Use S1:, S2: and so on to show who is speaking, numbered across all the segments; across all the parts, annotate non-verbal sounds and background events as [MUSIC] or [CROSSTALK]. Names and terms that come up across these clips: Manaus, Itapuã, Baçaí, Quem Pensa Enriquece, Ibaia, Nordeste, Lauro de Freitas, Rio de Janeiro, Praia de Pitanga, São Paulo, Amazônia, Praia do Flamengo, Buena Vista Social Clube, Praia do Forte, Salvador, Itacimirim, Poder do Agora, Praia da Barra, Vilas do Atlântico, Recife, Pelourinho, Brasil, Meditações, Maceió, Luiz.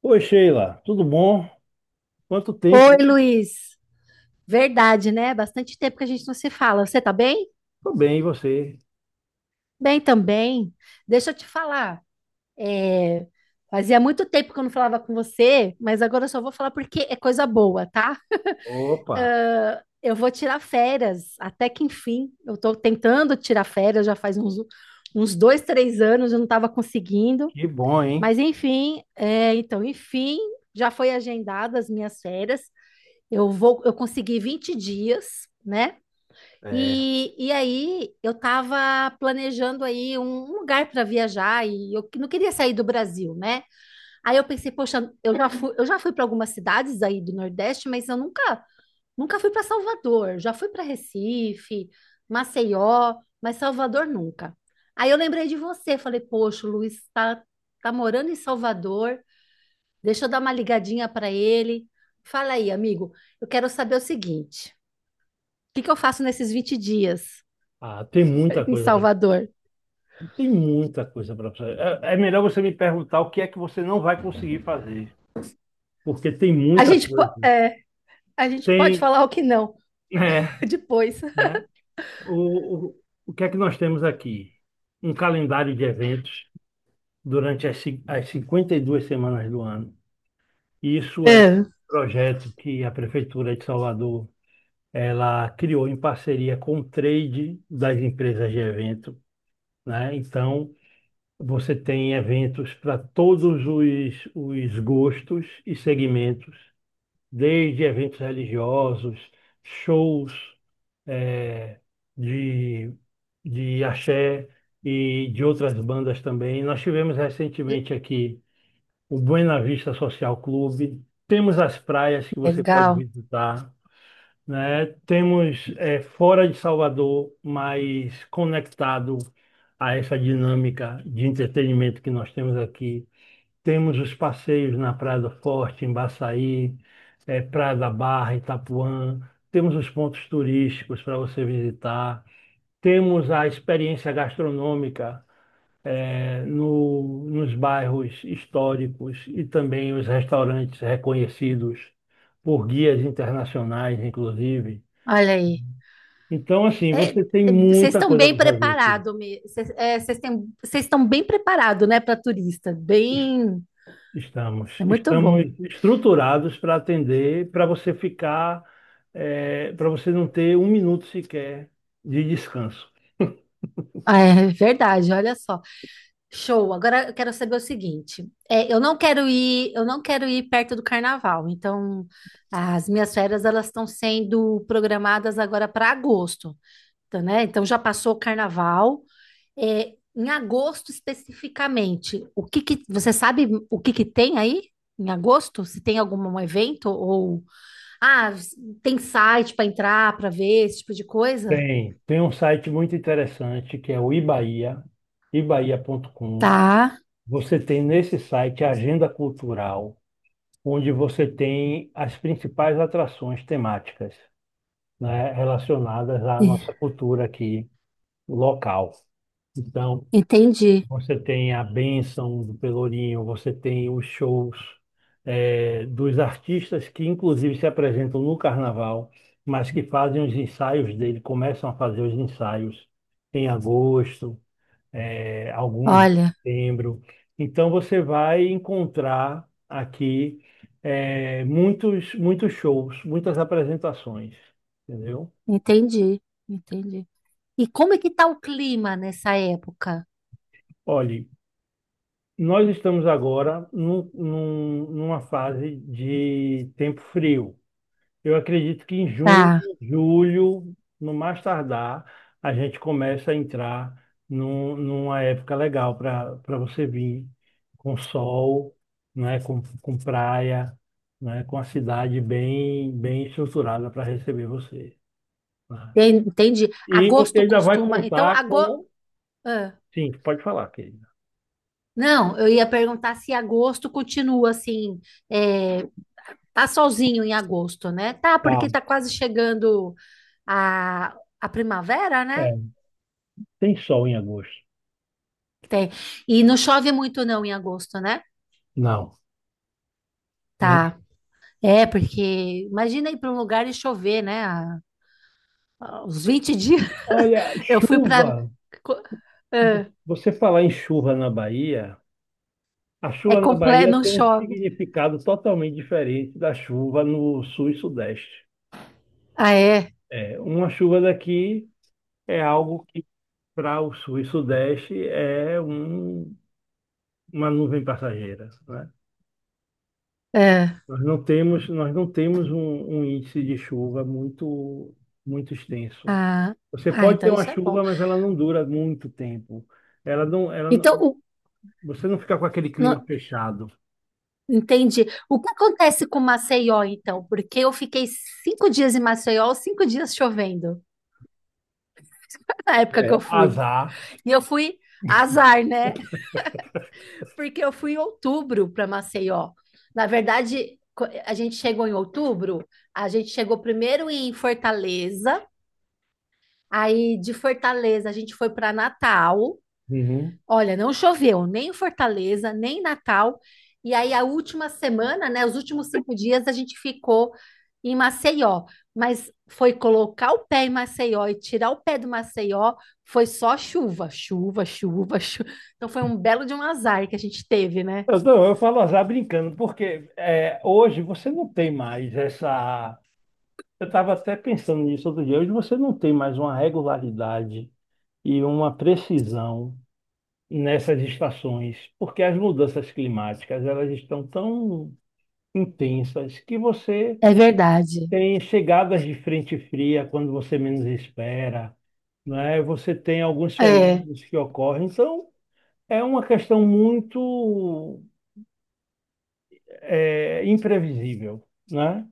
S1: Oi, Sheila, tudo bom? Quanto tempo,
S2: Oi,
S1: hein?
S2: Luiz. Verdade, né? Bastante tempo que a gente não se fala. Você tá bem?
S1: Tô bem, e você?
S2: Bem também. Deixa eu te falar. é, Fazia muito tempo que eu não falava com você, mas agora eu só vou falar porque é coisa boa, tá?
S1: Opa,
S2: Ah, eu vou tirar férias, até que enfim. Eu tô tentando tirar férias já faz uns dois, três anos, eu não estava conseguindo.
S1: que bom, hein?
S2: Mas enfim, já foi agendadas as minhas férias. Eu consegui 20 dias, né?
S1: É.
S2: E aí eu estava planejando aí um lugar para viajar e eu não queria sair do Brasil, né? Aí eu pensei, poxa, eu já fui para algumas cidades aí do Nordeste, mas eu nunca fui para Salvador. Já fui para Recife, Maceió, mas Salvador nunca. Aí eu lembrei de você, falei, poxa, o Luiz está tá tá morando em Salvador, deixa eu dar uma ligadinha para ele. Fala aí, amigo, eu quero saber o seguinte, o que que eu faço nesses 20 dias?
S1: Ah, tem muita
S2: Em
S1: coisa para
S2: Salvador.
S1: tem muita coisa para fazer. É melhor você me perguntar o que é que você não vai conseguir fazer, porque tem
S2: A
S1: muita
S2: gente,
S1: coisa.
S2: é, a gente pode
S1: Tem,
S2: falar o que não
S1: é,
S2: [LAUGHS] depois.
S1: né? O, o, o que é que nós temos aqui? Um calendário de eventos durante as 52 semanas do ano. Isso é um
S2: É.
S1: projeto que a Prefeitura de Salvador ela criou em parceria com o trade das empresas de evento, né? Então, você tem eventos para todos os gostos e segmentos, desde eventos religiosos, shows eh, de, de axé e de outras bandas também. Nós tivemos recentemente aqui o Buena Vista Social Clube, temos as praias que você pode
S2: Legal.
S1: visitar, né? Temos, fora de Salvador, mas conectado a essa dinâmica de entretenimento que nós temos aqui. Temos os passeios na Praia do Forte, em Baçaí, Praia da Barra, Itapuã. Temos os pontos turísticos para você visitar. Temos a experiência gastronômica, nos bairros históricos, e também os restaurantes reconhecidos por guias internacionais, inclusive.
S2: Olha aí.
S1: Então, assim,
S2: É,
S1: você tem
S2: vocês
S1: muita
S2: estão
S1: coisa
S2: bem
S1: para fazer aqui.
S2: preparados, vocês é, vocês têm- vocês estão bem preparados, né, para turista. Bem,
S1: Estamos,
S2: é muito
S1: estamos
S2: bom.
S1: estruturados para atender, para você ficar, para você não ter um minuto sequer de descanso.
S2: Ah, é verdade, olha só. Show. Agora eu quero saber o seguinte. É, eu não quero ir perto do carnaval. Então, as minhas férias elas estão sendo programadas agora para agosto, tá, né? Então já passou o carnaval. É, em agosto especificamente, o que que você sabe, o que que tem aí em agosto? Se tem algum evento, ou ah, tem site para entrar para ver esse tipo de coisa?
S1: Tem um site muito interessante que é o Ibaia, ibaia.com.
S2: Tá,
S1: Você tem nesse site a agenda cultural, onde você tem as principais atrações temáticas, né, relacionadas à
S2: e-
S1: nossa cultura aqui local. Então,
S2: entendi.
S1: você tem a bênção do Pelourinho, você tem os shows, dos artistas que, inclusive, se apresentam no carnaval, mas que fazem os ensaios dele, começam a fazer os ensaios em agosto, alguns em
S2: Olha,
S1: setembro. Então, você vai encontrar aqui, muitos, muitos shows, muitas apresentações, entendeu?
S2: entendi, entendi. E como é que tá o clima nessa época?
S1: Olhe. Nós estamos agora numa fase de tempo frio. Eu acredito que em junho,
S2: Tá,
S1: julho, no mais tardar, a gente começa a entrar numa época legal para você vir com sol, né, com praia, né, com a cidade bem estruturada para receber você, né?
S2: entendi.
S1: E você
S2: Agosto
S1: ainda vai
S2: costuma. Então,
S1: contar
S2: agosto.
S1: com. Sim, pode falar, querida.
S2: Não, eu ia perguntar se agosto continua assim, é, tá solzinho em agosto, né? Tá,
S1: Tá.
S2: porque tá quase chegando a, a primavera, né?
S1: É. Tem sol em agosto?
S2: Que tem. E não chove muito não em agosto, né?
S1: Não. Não.
S2: Tá. É, porque imagina ir para um lugar e chover, né? Os 20 dias
S1: Olha,
S2: [LAUGHS] eu fui para
S1: chuva.
S2: é,
S1: Você falar em chuva na Bahia, a
S2: é
S1: chuva na
S2: completo,
S1: Bahia
S2: não
S1: tem um
S2: chove.
S1: significado totalmente diferente da chuva no sul e sudeste.
S2: Ah, é?
S1: É, uma chuva daqui é algo que para o sul e sudeste é uma nuvem passageira, né?
S2: É.
S1: Nós não temos um índice de chuva muito, muito extenso.
S2: Ah,
S1: Você
S2: ah,
S1: pode
S2: então
S1: ter uma
S2: isso é bom.
S1: chuva, mas ela não dura muito tempo. Ela não,
S2: Então, o,
S1: você não fica com aquele clima
S2: no-
S1: fechado.
S2: Entendi. O que acontece com Maceió, então? Porque eu fiquei 5 dias em Maceió, 5 dias chovendo, na época que
S1: É,
S2: eu fui.
S1: azar.
S2: E eu fui, azar, né? Porque eu fui em outubro para Maceió. Na verdade, a gente chegou em outubro, a gente chegou primeiro em Fortaleza, aí de Fortaleza a gente foi para Natal.
S1: Uhum.
S2: Olha, não choveu nem em Fortaleza, nem em Natal. E aí, a última semana, né? Os últimos 5 dias, a gente ficou em Maceió. Mas foi colocar o pé em Maceió e tirar o pé do Maceió, foi só chuva, chuva, chuva, chuva. Então, foi um belo de um azar que a gente teve, né?
S1: Eu, não, eu falo azar brincando, porque, hoje você não tem mais essa. Eu estava até pensando nisso outro dia. Hoje você não tem mais uma regularidade e uma precisão nessas estações, porque as mudanças climáticas elas estão tão intensas que você
S2: É verdade.
S1: tem chegadas de frente fria quando você menos espera, né? Você tem alguns
S2: É,
S1: fenômenos que ocorrem. Então, é uma questão muito, imprevisível, né?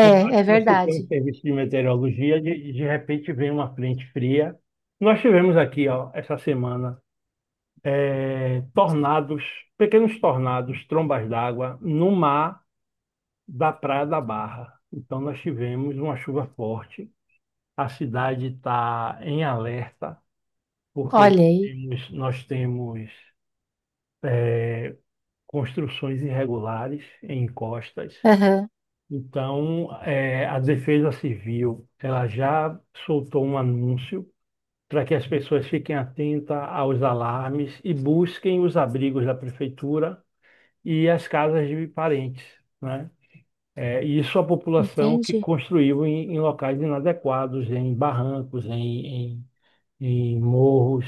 S1: Por mais
S2: é
S1: que você tenha um
S2: verdade.
S1: serviço de meteorologia, de repente vem uma frente fria. Nós tivemos aqui, ó, essa semana, tornados, pequenos tornados, trombas d'água, no mar da Praia da Barra. Então, nós tivemos uma chuva forte. A cidade está em alerta, porque
S2: Olha aí.
S1: nós temos, é, construções irregulares em encostas.
S2: Aham,
S1: Então, a Defesa Civil, ela já soltou um anúncio para que as pessoas fiquem atentas aos alarmes e busquem os abrigos da prefeitura e as casas de parentes, né? E isso a população que
S2: entendi.
S1: construiu em locais inadequados, em barrancos, em morros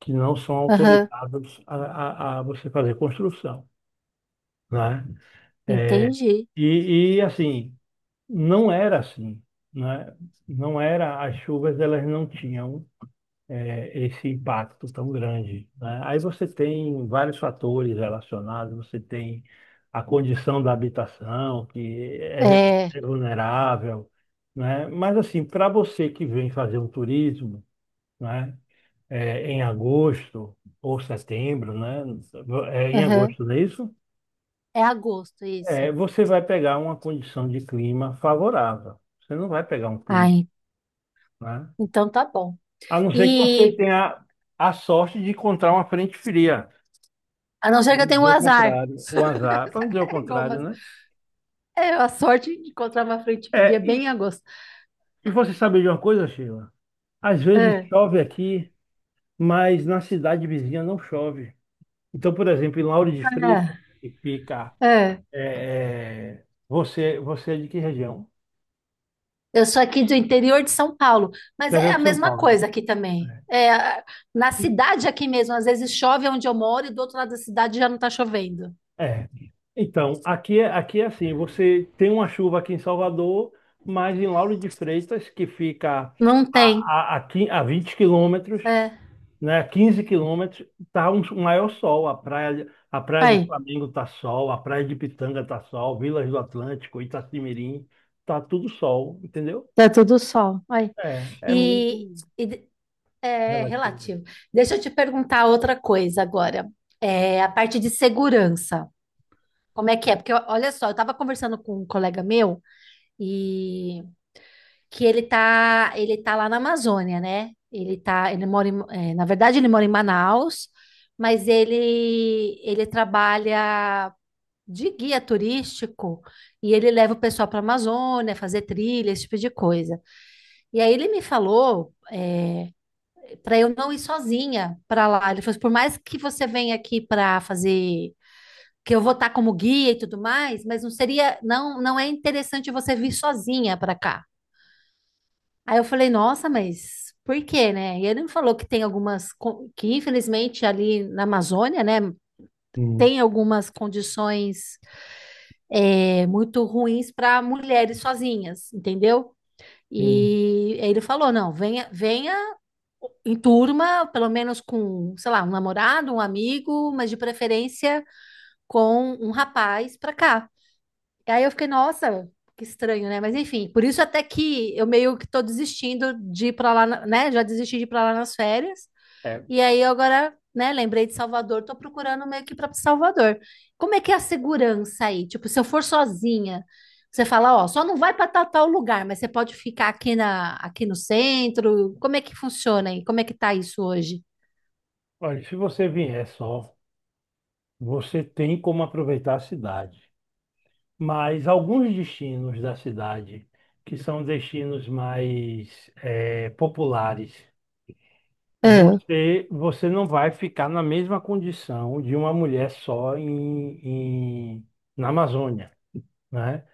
S1: que não são
S2: Aham,
S1: autorizados a você fazer construção, né? Eh,
S2: entendi.
S1: e assim não era assim, né? Não era, as chuvas elas não tinham, esse impacto tão grande, né? Aí você tem vários fatores relacionados, você tem a condição da habitação, que é,
S2: É,
S1: é vulnerável, né? Mas assim, para você que vem fazer um turismo, né? É, em agosto ou setembro, né? É, em
S2: aham.
S1: agosto, não é isso?
S2: É agosto,
S1: É,
S2: isso.
S1: você vai pegar uma condição de clima favorável. Você não vai pegar um clima,
S2: Ai,
S1: né?
S2: então tá bom.
S1: A não ser que você
S2: E
S1: tenha a sorte de encontrar uma frente fria,
S2: a não
S1: para
S2: ser que eu
S1: não
S2: tenha um
S1: dizer o
S2: azar.
S1: contrário, o azar, para não dizer o
S2: [LAUGHS] É igual,
S1: contrário,
S2: mas
S1: né?
S2: é a sorte de encontrar uma frente
S1: É,
S2: fria bem em
S1: e,
S2: agosto.
S1: e você sabe de uma coisa, Sheila? Às vezes
S2: É,
S1: chove aqui, mas na cidade vizinha não chove. Então, por exemplo, em Lauro de Freitas, que fica.
S2: é, é.
S1: Você é de que região?
S2: Eu sou aqui do interior de São Paulo, mas é
S1: Interior
S2: a
S1: de São
S2: mesma
S1: Paulo.
S2: coisa aqui também.
S1: É.
S2: Na cidade aqui mesmo, às vezes chove onde eu moro e do outro lado da cidade já não tá chovendo.
S1: É. Então, aqui é, assim, você tem uma chuva aqui em Salvador, mas em Lauro de Freitas, que fica
S2: Não
S1: a,
S2: tem.
S1: a, a, quin- a 20 km quilômetros,
S2: É.
S1: né, 15 km, tá um, um maior sol. A praia do
S2: Aí,
S1: Flamengo tá sol, a praia de Pitanga tá sol, Vilas do Atlântico, Itacimirim, tá tudo sol, entendeu?
S2: tá tudo sol. Aí.
S1: É, é muito
S2: E, e de- É
S1: relativo.
S2: relativo. Deixa eu te perguntar outra coisa agora. É a parte de segurança. Como é que é? Porque ó, olha só, eu tava conversando com um colega meu e ele tá lá na Amazônia, né? Ele mora em, na verdade ele mora em Manaus, mas ele trabalha de guia turístico e ele leva o pessoal para a Amazônia fazer trilha, esse tipo de coisa. E aí ele me falou, para eu não ir sozinha para lá. Ele falou, assim, por mais que você venha aqui para fazer, que eu vou estar como guia e tudo mais, mas não seria, não, não é interessante você vir sozinha para cá. Aí eu falei, nossa, mas por quê, né? E ele me falou que tem que infelizmente ali na Amazônia, né,
S1: Sim,
S2: tem algumas condições muito ruins para mulheres sozinhas, entendeu?
S1: sim.
S2: E aí ele falou, não, venha, venha em turma, pelo menos com, sei lá, um namorado, um amigo, mas de preferência com um rapaz para cá. E aí eu fiquei, nossa, que estranho, né? Mas enfim, por isso até que eu meio que tô desistindo de ir pra lá, né? Já desisti de ir pra lá nas férias.
S1: É,
S2: E aí eu agora, né, lembrei de Salvador, tô procurando meio que ir pra Salvador. Como é que é a segurança aí? Tipo, se eu for sozinha, você fala, ó, só não vai pra tal, tal lugar, mas você pode ficar aqui aqui no centro. Como é que funciona aí? Como é que tá isso hoje?
S1: olha, se você vier só, você tem como aproveitar a cidade. Mas alguns destinos da cidade, que são destinos mais, populares,
S2: Ah,
S1: você não vai ficar na mesma condição de uma mulher só na Amazônia, né?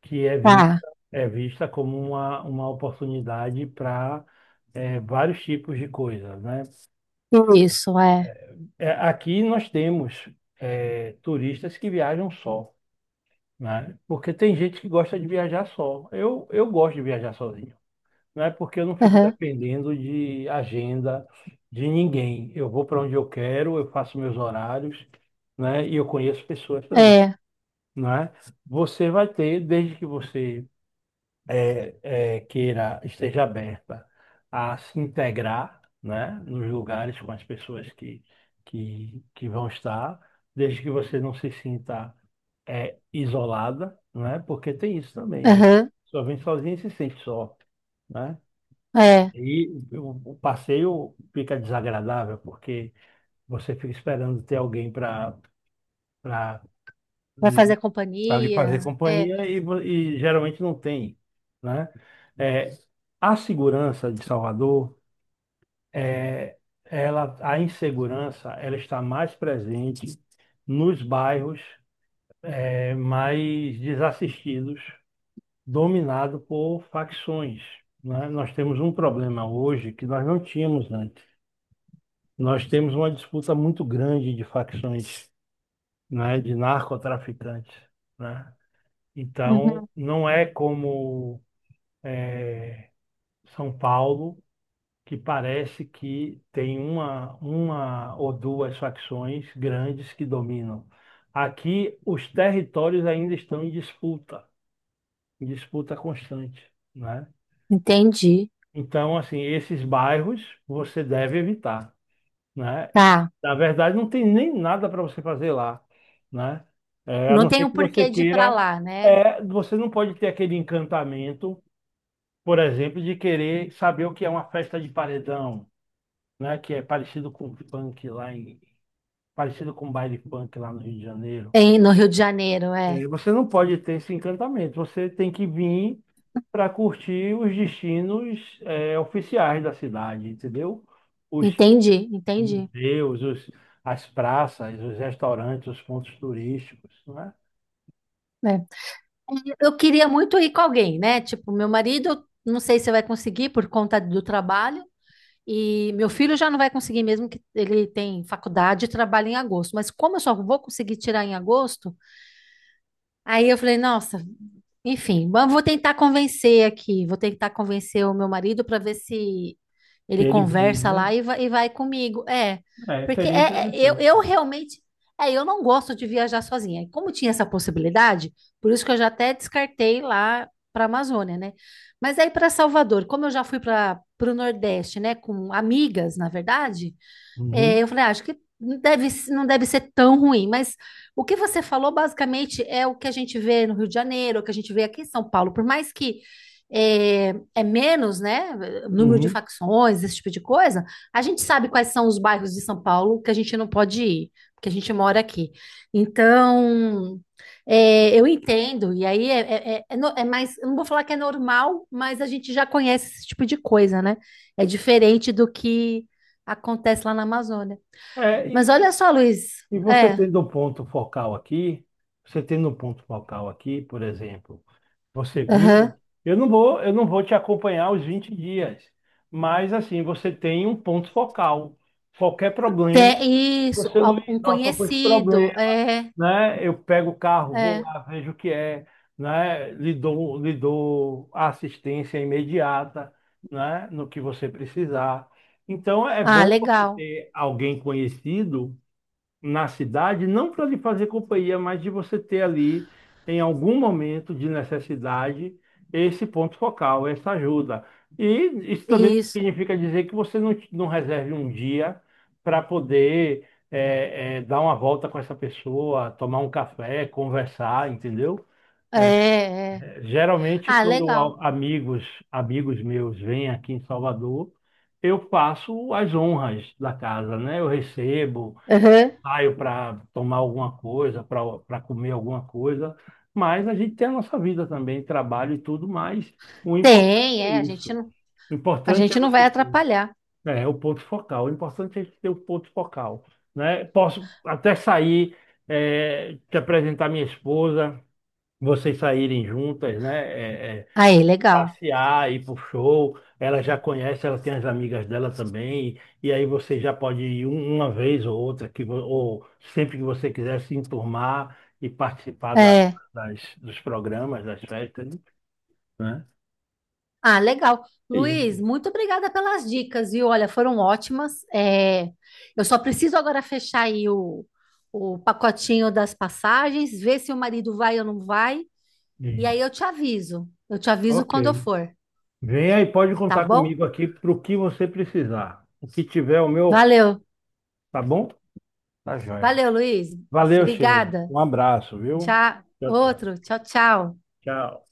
S1: Que é vista,
S2: tá,
S1: é vista como uma oportunidade para vários tipos de coisas, né?
S2: isso, é.
S1: Aqui nós temos, turistas que viajam só. Né? Porque tem gente que gosta de viajar só. Eu gosto de viajar sozinho, né? Porque eu não fico
S2: Aham,
S1: dependendo de agenda de ninguém. Eu vou para onde eu quero, eu faço meus horários, né? E eu conheço pessoas também,
S2: é,
S1: né? Você vai ter, desde que você, queira, esteja aberta a se integrar, né, nos lugares com as pessoas que, que vão estar, desde que você não se sinta, isolada, né, porque tem isso também,
S2: aham,
S1: só vem sozinha e se sente só, né?
S2: é.
S1: E o passeio fica desagradável porque você fica esperando ter alguém para
S2: Vai fazer
S1: para lhe fazer
S2: companhia?
S1: companhia, e, e geralmente não tem, né? É, a segurança de Salvador, é, ela, a insegurança, ela está mais presente nos bairros, mais desassistidos, dominado por facções, né? Nós temos um problema hoje que nós não tínhamos antes. Nós temos uma disputa muito grande de facções, né? De narcotraficantes, né? Então,
S2: Uhum.
S1: não é como São Paulo, que parece que tem uma, ou duas facções grandes que dominam. Aqui, os territórios ainda estão em disputa constante, né?
S2: Entendi.
S1: Então, assim, esses bairros você deve evitar, né?
S2: Tá.
S1: Na verdade, não tem nem nada para você fazer lá, né? É, a
S2: Não
S1: não
S2: tem
S1: ser
S2: o
S1: que você
S2: porquê de ir pra
S1: queira,
S2: lá, né?
S1: você não pode ter aquele encantamento, por exemplo, de querer saber o que é uma festa de paredão, né? Que é parecido com baile funk lá no Rio de Janeiro.
S2: No Rio de Janeiro, é.
S1: É, você não pode ter esse encantamento. Você tem que vir para curtir os destinos, oficiais da cidade, entendeu? Os
S2: Entendi, entendi.
S1: museus, as praças, os restaurantes, os pontos turísticos, né?
S2: É. Eu queria muito ir com alguém, né? Tipo, meu marido, eu não sei se vai conseguir por conta do trabalho. E meu filho já não vai conseguir mesmo, que ele tem faculdade e trabalha em agosto. Mas como eu só vou conseguir tirar em agosto, aí eu falei, nossa, enfim, mas vou tentar convencer aqui, vou tentar convencer o meu marido para ver se
S1: Se
S2: ele
S1: ele vem,
S2: conversa
S1: né?
S2: lá e vai comigo. É,
S1: É,
S2: porque
S1: seria interessante.
S2: eu realmente, é, eu não gosto de viajar sozinha. E como tinha essa possibilidade, por isso que eu já até descartei lá para a Amazônia, né? Mas aí para Salvador, como eu já fui para o Nordeste, né, com amigas, na verdade, é,
S1: Uhum,
S2: eu falei, "Ah, acho que não deve ser tão ruim", mas o que você falou basicamente é o que a gente vê no Rio de Janeiro, o que a gente vê aqui em São Paulo, por mais que é menos, né, número de
S1: uhum.
S2: facções, esse tipo de coisa, a gente sabe quais são os bairros de São Paulo que a gente não pode ir, porque a gente mora aqui. Então, é, eu entendo, e aí é mais, eu não vou falar que é normal, mas a gente já conhece esse tipo de coisa, né? É diferente do que acontece lá na Amazônia.
S1: É,
S2: Mas
S1: e,
S2: olha só, Luiz,
S1: e você
S2: é,
S1: tendo um ponto focal aqui, você tendo um ponto focal aqui, por exemplo. Você vindo,
S2: aham.
S1: eu não vou te acompanhar os 20 dias, mas assim, você tem um ponto focal. Qualquer problema,
S2: Tem isso,
S1: você, Luiz,
S2: algum
S1: ó, tô com esse problema,
S2: conhecido, é,
S1: né? Eu pego o carro, vou
S2: é.
S1: lá, vejo o que é, né? Lhe dou a assistência imediata, né? No que você precisar. Então, é
S2: Ah,
S1: bom você
S2: legal,
S1: ter alguém conhecido na cidade, não para lhe fazer companhia, mas de você ter ali, em algum momento de necessidade, esse ponto focal, essa ajuda. E isso também
S2: isso,
S1: significa dizer que você não reserve um dia para poder, dar uma volta com essa pessoa, tomar um café, conversar, entendeu?
S2: é, é.
S1: Geralmente,
S2: Ah,
S1: quando
S2: legal.
S1: amigos meus vêm aqui em Salvador, eu faço as honras da casa, né? Eu recebo,
S2: Aham.
S1: saio para tomar alguma coisa, para comer alguma coisa, mas a gente tem a nossa vida também, trabalho e tudo, mas o importante
S2: Tem,
S1: é
S2: é,
S1: isso. O
S2: a
S1: importante é
S2: gente não
S1: você
S2: vai
S1: ter.
S2: atrapalhar.
S1: É o ponto focal. O importante é a gente ter o ponto focal, né? Posso até sair, te apresentar minha esposa, vocês saírem juntas, né? Eh, eh,
S2: Aí, legal.
S1: passear, ir pro show. Ela já conhece, ela tem as amigas dela também. E aí você já pode ir uma vez ou outra, que, ou sempre que você quiser se enturmar e participar
S2: É.
S1: das, dos programas, das festas, né?
S2: Ah, legal.
S1: É isso.
S2: Luiz, muito obrigada pelas dicas, viu? Olha, foram ótimas. É, eu só preciso agora fechar aí o pacotinho das passagens, ver se o marido vai ou não vai. E aí
S1: Isso.
S2: eu te aviso.
S1: Ok.
S2: Quando eu for,
S1: Venha e pode
S2: tá
S1: contar
S2: bom?
S1: comigo aqui para o que você precisar. O que tiver o meu,
S2: Valeu.
S1: tá bom? Tá joia.
S2: Valeu, Luiz.
S1: Valeu, Sheila.
S2: Obrigada.
S1: Um abraço, viu?
S2: Tchau.
S1: Tchau, tchau.
S2: Outro. Tchau, tchau.
S1: Tchau.